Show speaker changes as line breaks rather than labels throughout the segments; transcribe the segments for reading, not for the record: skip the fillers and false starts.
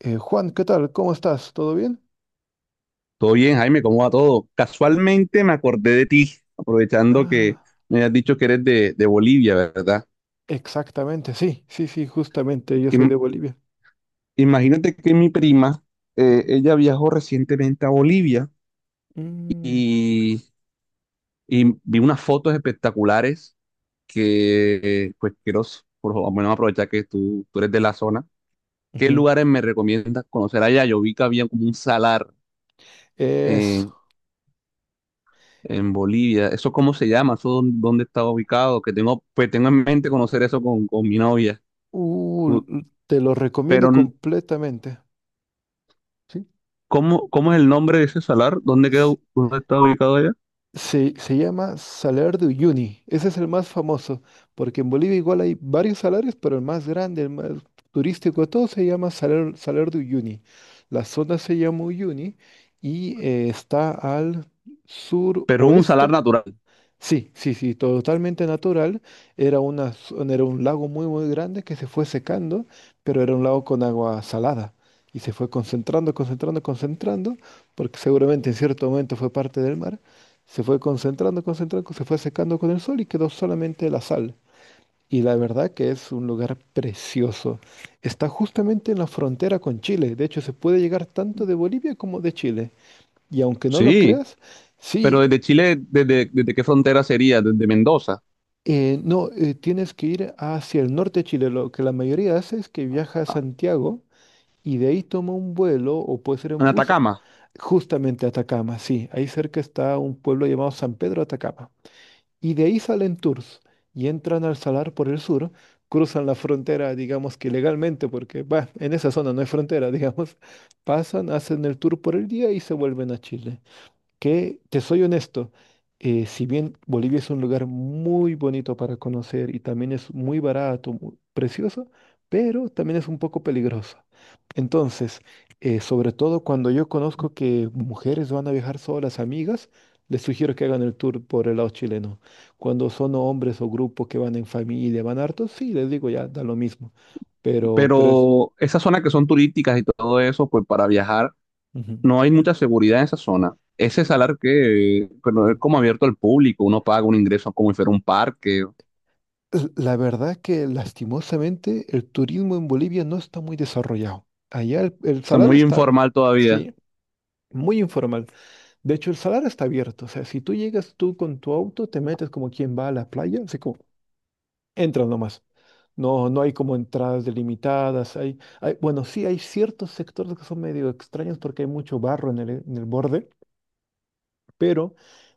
Juan, ¿qué tal? ¿Cómo estás? ¿Todo bien?
Todo bien, Jaime, ¿cómo va todo? Casualmente me acordé de ti, aprovechando que
Ah,
me has dicho que eres de Bolivia, ¿verdad?
exactamente, sí, sí, sí, justamente, yo soy
Im-
de Bolivia.
Imagínate que mi prima,
Ujú.
ella viajó recientemente a Bolivia
Mm,
y, y vi unas fotos espectaculares que, pues, quiero, por favor, bueno, aprovechar que tú eres de la zona. ¿Qué
ujú.
lugares me recomiendas conocer allá? Yo vi que había como un salar
Es,
en Bolivia. ¿Eso cómo se llama? ¿Eso dónde está ubicado? Que tengo, pues tengo en mente conocer eso con mi novia. U-
Te lo recomiendo
Pero,
completamente. ¿Sí?
¿cómo es el nombre de ese salar? ¿Dónde queda,
S-
dónde está ubicado allá?
se llama Salar de Uyuni, ese es el más famoso, porque en Bolivia igual hay varios salarios, pero el más grande, el más turístico de todos se llama Salar de Uyuni. La zona se llama Uyuni y está al
Pero es un salar
suroeste.
natural.
Sí, sí, sí, totalmente natural. Era un lago muy, muy grande que se fue secando, pero era un lago con agua salada y se fue concentrando, concentrando, concentrando, porque seguramente en cierto momento fue parte del mar. Se fue concentrando, concentrando, se fue secando con el sol y quedó solamente la sal. Y la verdad que es un lugar precioso. Está justamente en la frontera con Chile. De hecho, se puede llegar tanto de Bolivia como de Chile. Y aunque no lo
Sí,
creas,
pero
sí.
desde Chile, ¿desde qué frontera sería? Desde Mendoza,
No, tienes que ir hacia el norte de Chile. Lo que la mayoría hace es que viaja a
a-
Santiago y de ahí toma un vuelo o puede ser
en
en bus
Atacama.
justamente a Atacama. Sí, ahí cerca está un pueblo llamado San Pedro de Atacama. Y de ahí salen tours y entran al Salar por el sur, cruzan la frontera, digamos que legalmente, porque bah, en esa zona no hay frontera, digamos. Pasan, hacen el tour por el día y se vuelven a Chile que, te soy honesto, si bien Bolivia es un lugar muy bonito para conocer y también es muy barato, precioso, pero también es un poco peligroso. Entonces, sobre todo cuando yo conozco que mujeres van a viajar solas, amigas, les sugiero que hagan el tour por el lado chileno. Cuando son hombres o grupos que van en familia, van hartos, sí, les digo ya, da lo mismo. Pero.
Pero esas zonas que son turísticas y todo eso, pues para viajar,
Ujú,
no hay mucha seguridad en esa zona. Ese salar que, pero es
ujú.
como abierto al público, uno paga un ingreso como si fuera un parque,
La verdad que lastimosamente el turismo en Bolivia no está muy desarrollado. Allá el
o sea,
salar
muy
está bien,
informal todavía.
sí, muy informal. De hecho, el salar está abierto. O sea, si tú llegas tú con tu auto, te metes como quien va a la playa, así como entras nomás. No, no hay como entradas delimitadas. Hay, bueno, sí hay ciertos sectores que son medio extraños porque hay mucho barro en el borde, pero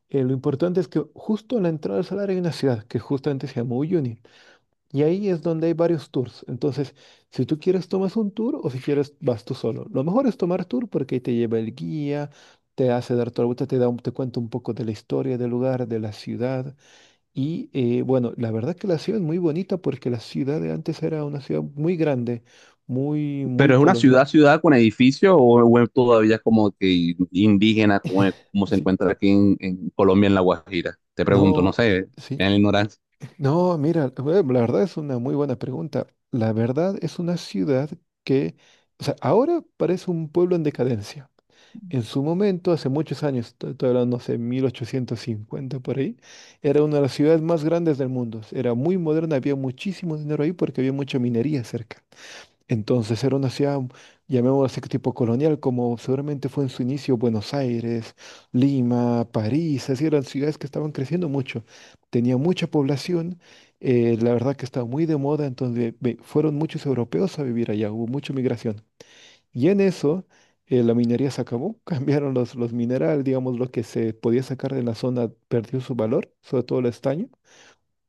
lo importante es que justo en la entrada del salar hay una ciudad que justamente se llama Uyuni. Y ahí es donde hay varios tours. Entonces, si tú quieres, tomas un tour o si quieres, vas tú solo. Lo mejor es tomar tour porque ahí te lleva el guía, te hace dar toda la vuelta, te da un- te cuenta un poco de la historia del lugar, de la ciudad. Y bueno, la verdad que la ciudad es muy bonita porque la ciudad de antes era una ciudad muy grande, muy, muy
Pero es una ciudad,
colonial.
ciudad con edificios o es todavía como que indígena, como, como se
Sí.
encuentra aquí en Colombia, en La Guajira. Te pregunto, no
No,
sé,
sí.
en la ignorancia.
No, mira, la verdad es una muy buena pregunta. La verdad es una ciudad que, o sea, ahora parece un pueblo en decadencia. En su momento, hace muchos años, estoy hablando hace 1850 por ahí, era una de las ciudades más grandes del mundo. Era muy moderna, había muchísimo dinero ahí porque había mucha minería cerca. Entonces era una ciudad, llamémosla así, tipo colonial, como seguramente fue en su inicio Buenos Aires, Lima, París, así eran ciudades que estaban creciendo mucho. Tenía mucha población, la verdad que estaba muy de moda, entonces fueron muchos europeos a vivir allá, hubo mucha migración. Y en eso, la minería se acabó, cambiaron los minerales, digamos, lo que se podía sacar de la zona perdió su valor, sobre todo el estaño,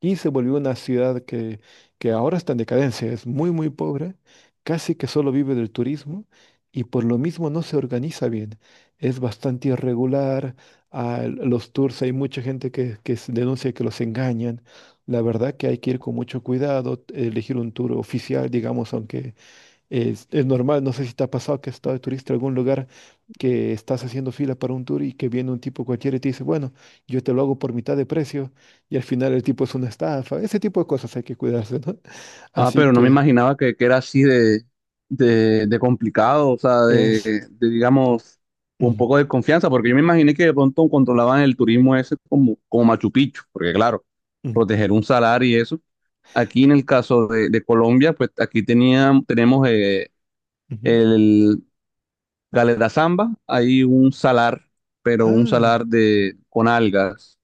y se volvió una ciudad que, ahora está en decadencia, es muy, muy pobre, casi que solo vive del turismo, y por lo mismo no se organiza bien, es bastante irregular, los tours hay mucha gente que se denuncia que los engañan, la verdad que hay que ir con mucho cuidado, elegir un tour oficial, digamos, aunque es normal, no sé si te ha pasado que has estado de turista en algún lugar que estás haciendo fila para un tour y que viene un tipo cualquiera y te dice, bueno, yo te lo hago por mitad de precio y al final el tipo es una estafa. Ese tipo de cosas hay que cuidarse, ¿no?
Ah,
Así
pero no me
que
imaginaba que era así de complicado, o sea,
es...
digamos, un
mm,
poco de confianza, porque yo me imaginé que de pronto controlaban el turismo ese como, como Machu Picchu, porque claro,
mm,
proteger un salar y eso. Aquí en el caso de Colombia, pues aquí tenían, tenemos,
ujú.
el Galeta Zamba, hay un salar, pero un
Ah,
salar de,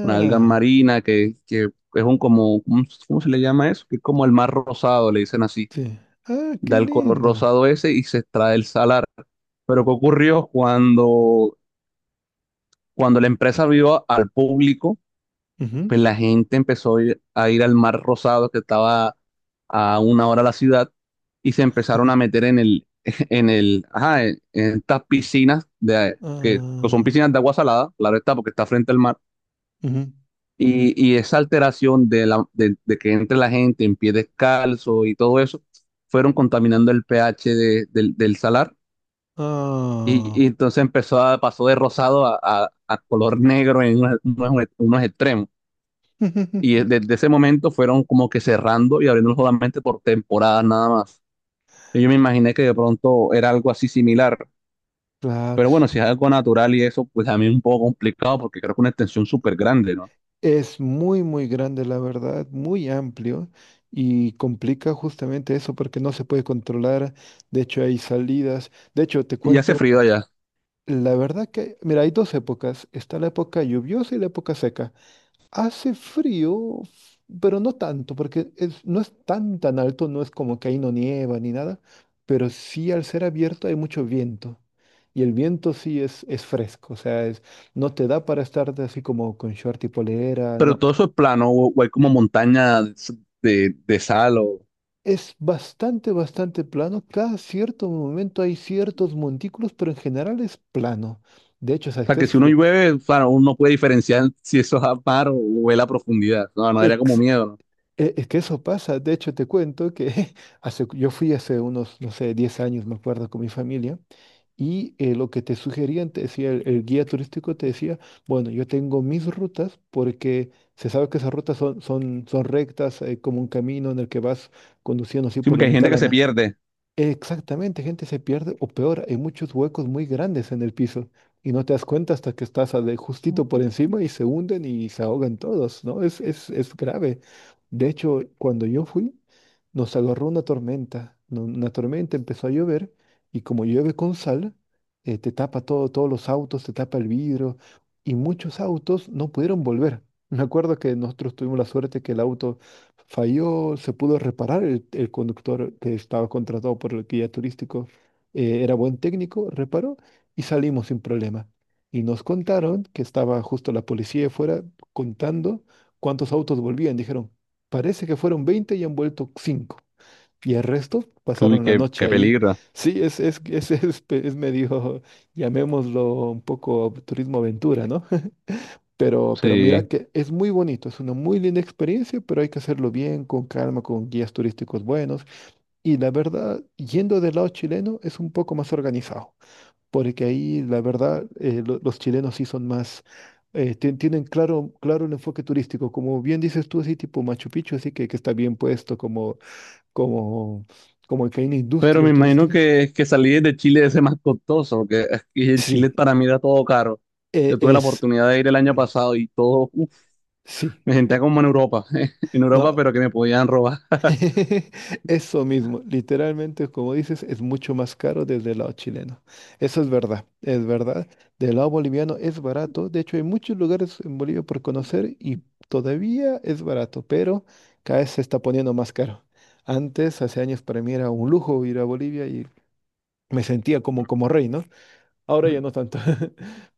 con algas marinas, que es un como, ¿cómo se le llama eso? Que es como el mar rosado, le dicen así.
sí. Ah,
Da
qué
el color
lindo.
rosado ese y se extrae el salar. Pero ¿qué ocurrió cuando la empresa vio al público?
Ujú,
Pues la gente empezó a ir al Mar Rosado que estaba a una hora de la ciudad y se empezaron a meter en el, en el, ajá, en estas piscinas de, que son
ah,
piscinas de agua salada, claro está, porque está frente al mar.
ujú,
Y esa alteración de que entre la gente en pie descalzo y todo eso, fueron contaminando el pH del salar.
ah.
Y entonces empezó a, pasó de rosado a, a color negro en unos extremos. Y desde ese momento fueron como que cerrando y abriendo solamente por temporadas nada más. Y yo me imaginé que de pronto era algo así similar.
Claro.
Pero bueno, si es algo natural y eso, pues a mí es un poco complicado porque creo que una extensión súper grande, ¿no?
Es muy, muy grande, la verdad, muy amplio y complica justamente eso porque no se puede controlar. De hecho, hay salidas. De hecho, te
Y hace
cuento
frío
una.
allá.
La verdad que, mira, hay dos épocas. Está la época lluviosa y la época seca. Hace frío, pero no tanto porque no es tan, tan alto, no es como que ahí no nieva ni nada, pero sí al ser abierto hay mucho viento. Y el viento sí es fresco, o sea, no te da para estar de así como con short y polera,
Pero
no.
todo eso es plano o hay como montañas de sal o... O
Es bastante, bastante plano. Cada cierto momento hay ciertos montículos, pero en general es plano. De hecho, ¿sabes
sea,
qué
que si
es
uno
lo
llueve, claro, uno puede diferenciar si eso es a mar o es la profundidad. No, no, era como
ex-
miedo, ¿no?
es que eso pasa. De hecho, te cuento que hace, yo fui hace unos, no sé, 10 años, me acuerdo, con mi familia, y lo que te sugerían, te decía, el guía turístico te decía, bueno, yo tengo mis rutas porque se sabe que esas rutas son rectas, como un camino en el que vas conduciendo así
Sí,
por la
porque hay
mitad de
gente
la
que se
lana.
pierde.
Exactamente, gente se pierde o peor, hay muchos huecos muy grandes en el piso y no te das cuenta hasta que estás justito por encima y se hunden y se ahogan todos, ¿no? Es grave. De hecho, cuando yo fui, nos agarró una tormenta, una tormenta empezó a llover y como llueve con sal, te tapa todo, todos los autos, te tapa el vidrio y muchos autos no pudieron volver. Me acuerdo que nosotros tuvimos la suerte que el auto falló, se pudo reparar el conductor que estaba contratado por el guía turístico, era buen técnico, reparó y salimos sin problema. Y nos contaron que estaba justo la policía afuera contando cuántos autos volvían. Dijeron, parece que fueron 20 y han vuelto 5. Y el resto
Uy,
pasaron la
qué,
noche
qué
ahí.
peligro.
Sí, es medio, llamémoslo un poco turismo aventura, ¿no? Pero mira
Sí.
que es muy bonito, es una muy linda experiencia, pero hay que hacerlo bien, con calma, con guías turísticos buenos. Y la verdad, yendo del lado chileno, es un poco más organizado, porque ahí la verdad, los chilenos sí son más, tienen claro el enfoque turístico, como bien dices tú, así tipo Machu Picchu, así que está bien puesto, como, como que hay una
Pero
industria
me imagino
turística.
que salir de Chile es más costoso, que aquí en Chile
Sí,
para mí era todo caro.
eh,
Yo tuve la
es,
oportunidad de ir el año
mm,
pasado y todo, uf,
sí.
me sentía como en Europa, en Europa,
No,
pero que me podían robar.
eso mismo, literalmente, como dices, es mucho más caro desde el lado chileno. Eso es verdad, es verdad. Del lado boliviano es barato. De hecho, hay muchos lugares en Bolivia por conocer y todavía es barato, pero cada vez se está poniendo más caro. Antes, hace años, para mí era un lujo ir a Bolivia y me sentía como, como rey, ¿no? Ahora ya no tanto.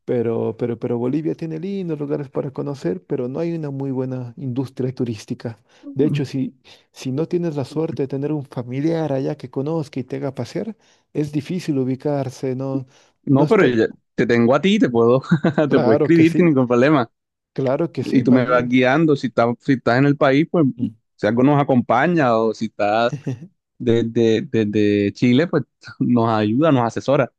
Pero Bolivia tiene lindos lugares para conocer, pero no hay una muy buena industria turística. De hecho, si, si no tienes la suerte de tener un familiar allá que conozca y te haga pasear, es difícil ubicarse, no, no
No, pero
está.
te tengo a ti, te puedo, te puedo
Claro que
escribir sin
sí,
ningún problema.
claro que
Y
sí,
tú
más
me vas
bien.
guiando, si estás en el país, pues
Mm.
si algo nos acompaña o si estás desde Chile, pues nos ayuda, nos asesora.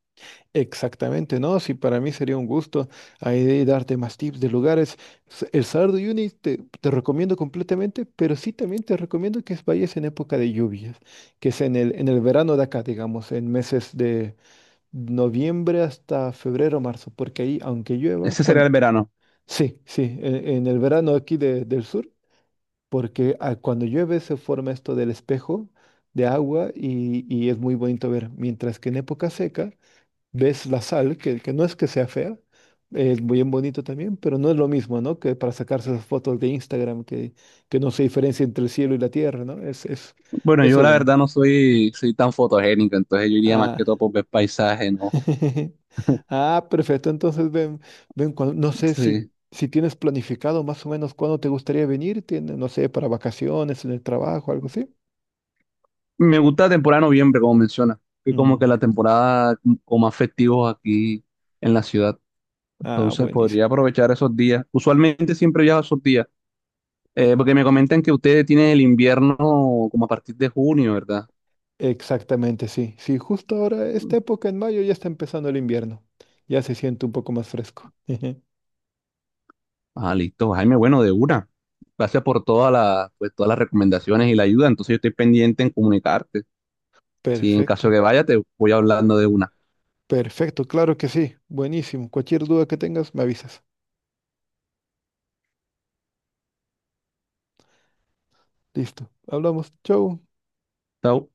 Exactamente, no, sí, para mí sería un gusto ahí de darte más tips de lugares. El Salar de Uyuni te recomiendo completamente, pero sí también te recomiendo que vayas en época de lluvias, que es en el verano de acá, digamos, en meses de noviembre hasta febrero, marzo, porque ahí, aunque llueva,
Ese sería
cuando...
el verano.
Sí, sí, en el verano aquí del sur, porque cuando llueve se forma esto del espejo de agua y es muy bonito ver, mientras que en época seca ves la sal, que, no es que sea fea, es muy bien bonito también, pero no es lo mismo, ¿no? Que para sacarse esas fotos de Instagram, que no se diferencia entre el cielo y la tierra, ¿no?
Bueno,
Eso
yo
es
la
lo más.
verdad no soy, soy tan fotogénico, entonces yo iría más que
Ah,
todo por ver paisaje, ¿no?
ah, perfecto. Entonces, ven, ven, no sé si,
Sí.
si tienes planificado más o menos cuándo te gustaría venir, tiene, no sé, para vacaciones, en el trabajo, algo así.
Me gusta la temporada de noviembre, como menciona, que como
Mm,
que la temporada con más festivos aquí en la ciudad,
ah,
entonces
buenísimo.
podría aprovechar esos días. Usualmente siempre viajo esos días, porque me comentan que ustedes tienen el invierno como a partir de junio, ¿verdad?
Exactamente, sí. Sí, justo ahora, esta época en mayo ya está empezando el invierno. Ya se siente un poco más fresco.
Ah, listo, Jaime, bueno, de una. Gracias por toda la, pues, todas las recomendaciones y la ayuda, entonces yo estoy pendiente en comunicarte. Si en caso
Perfecto.
que vaya, te voy hablando de una.
Perfecto, claro que sí. Buenísimo. Cualquier duda que tengas, me avisas. Listo. Hablamos. Chau.
Chao.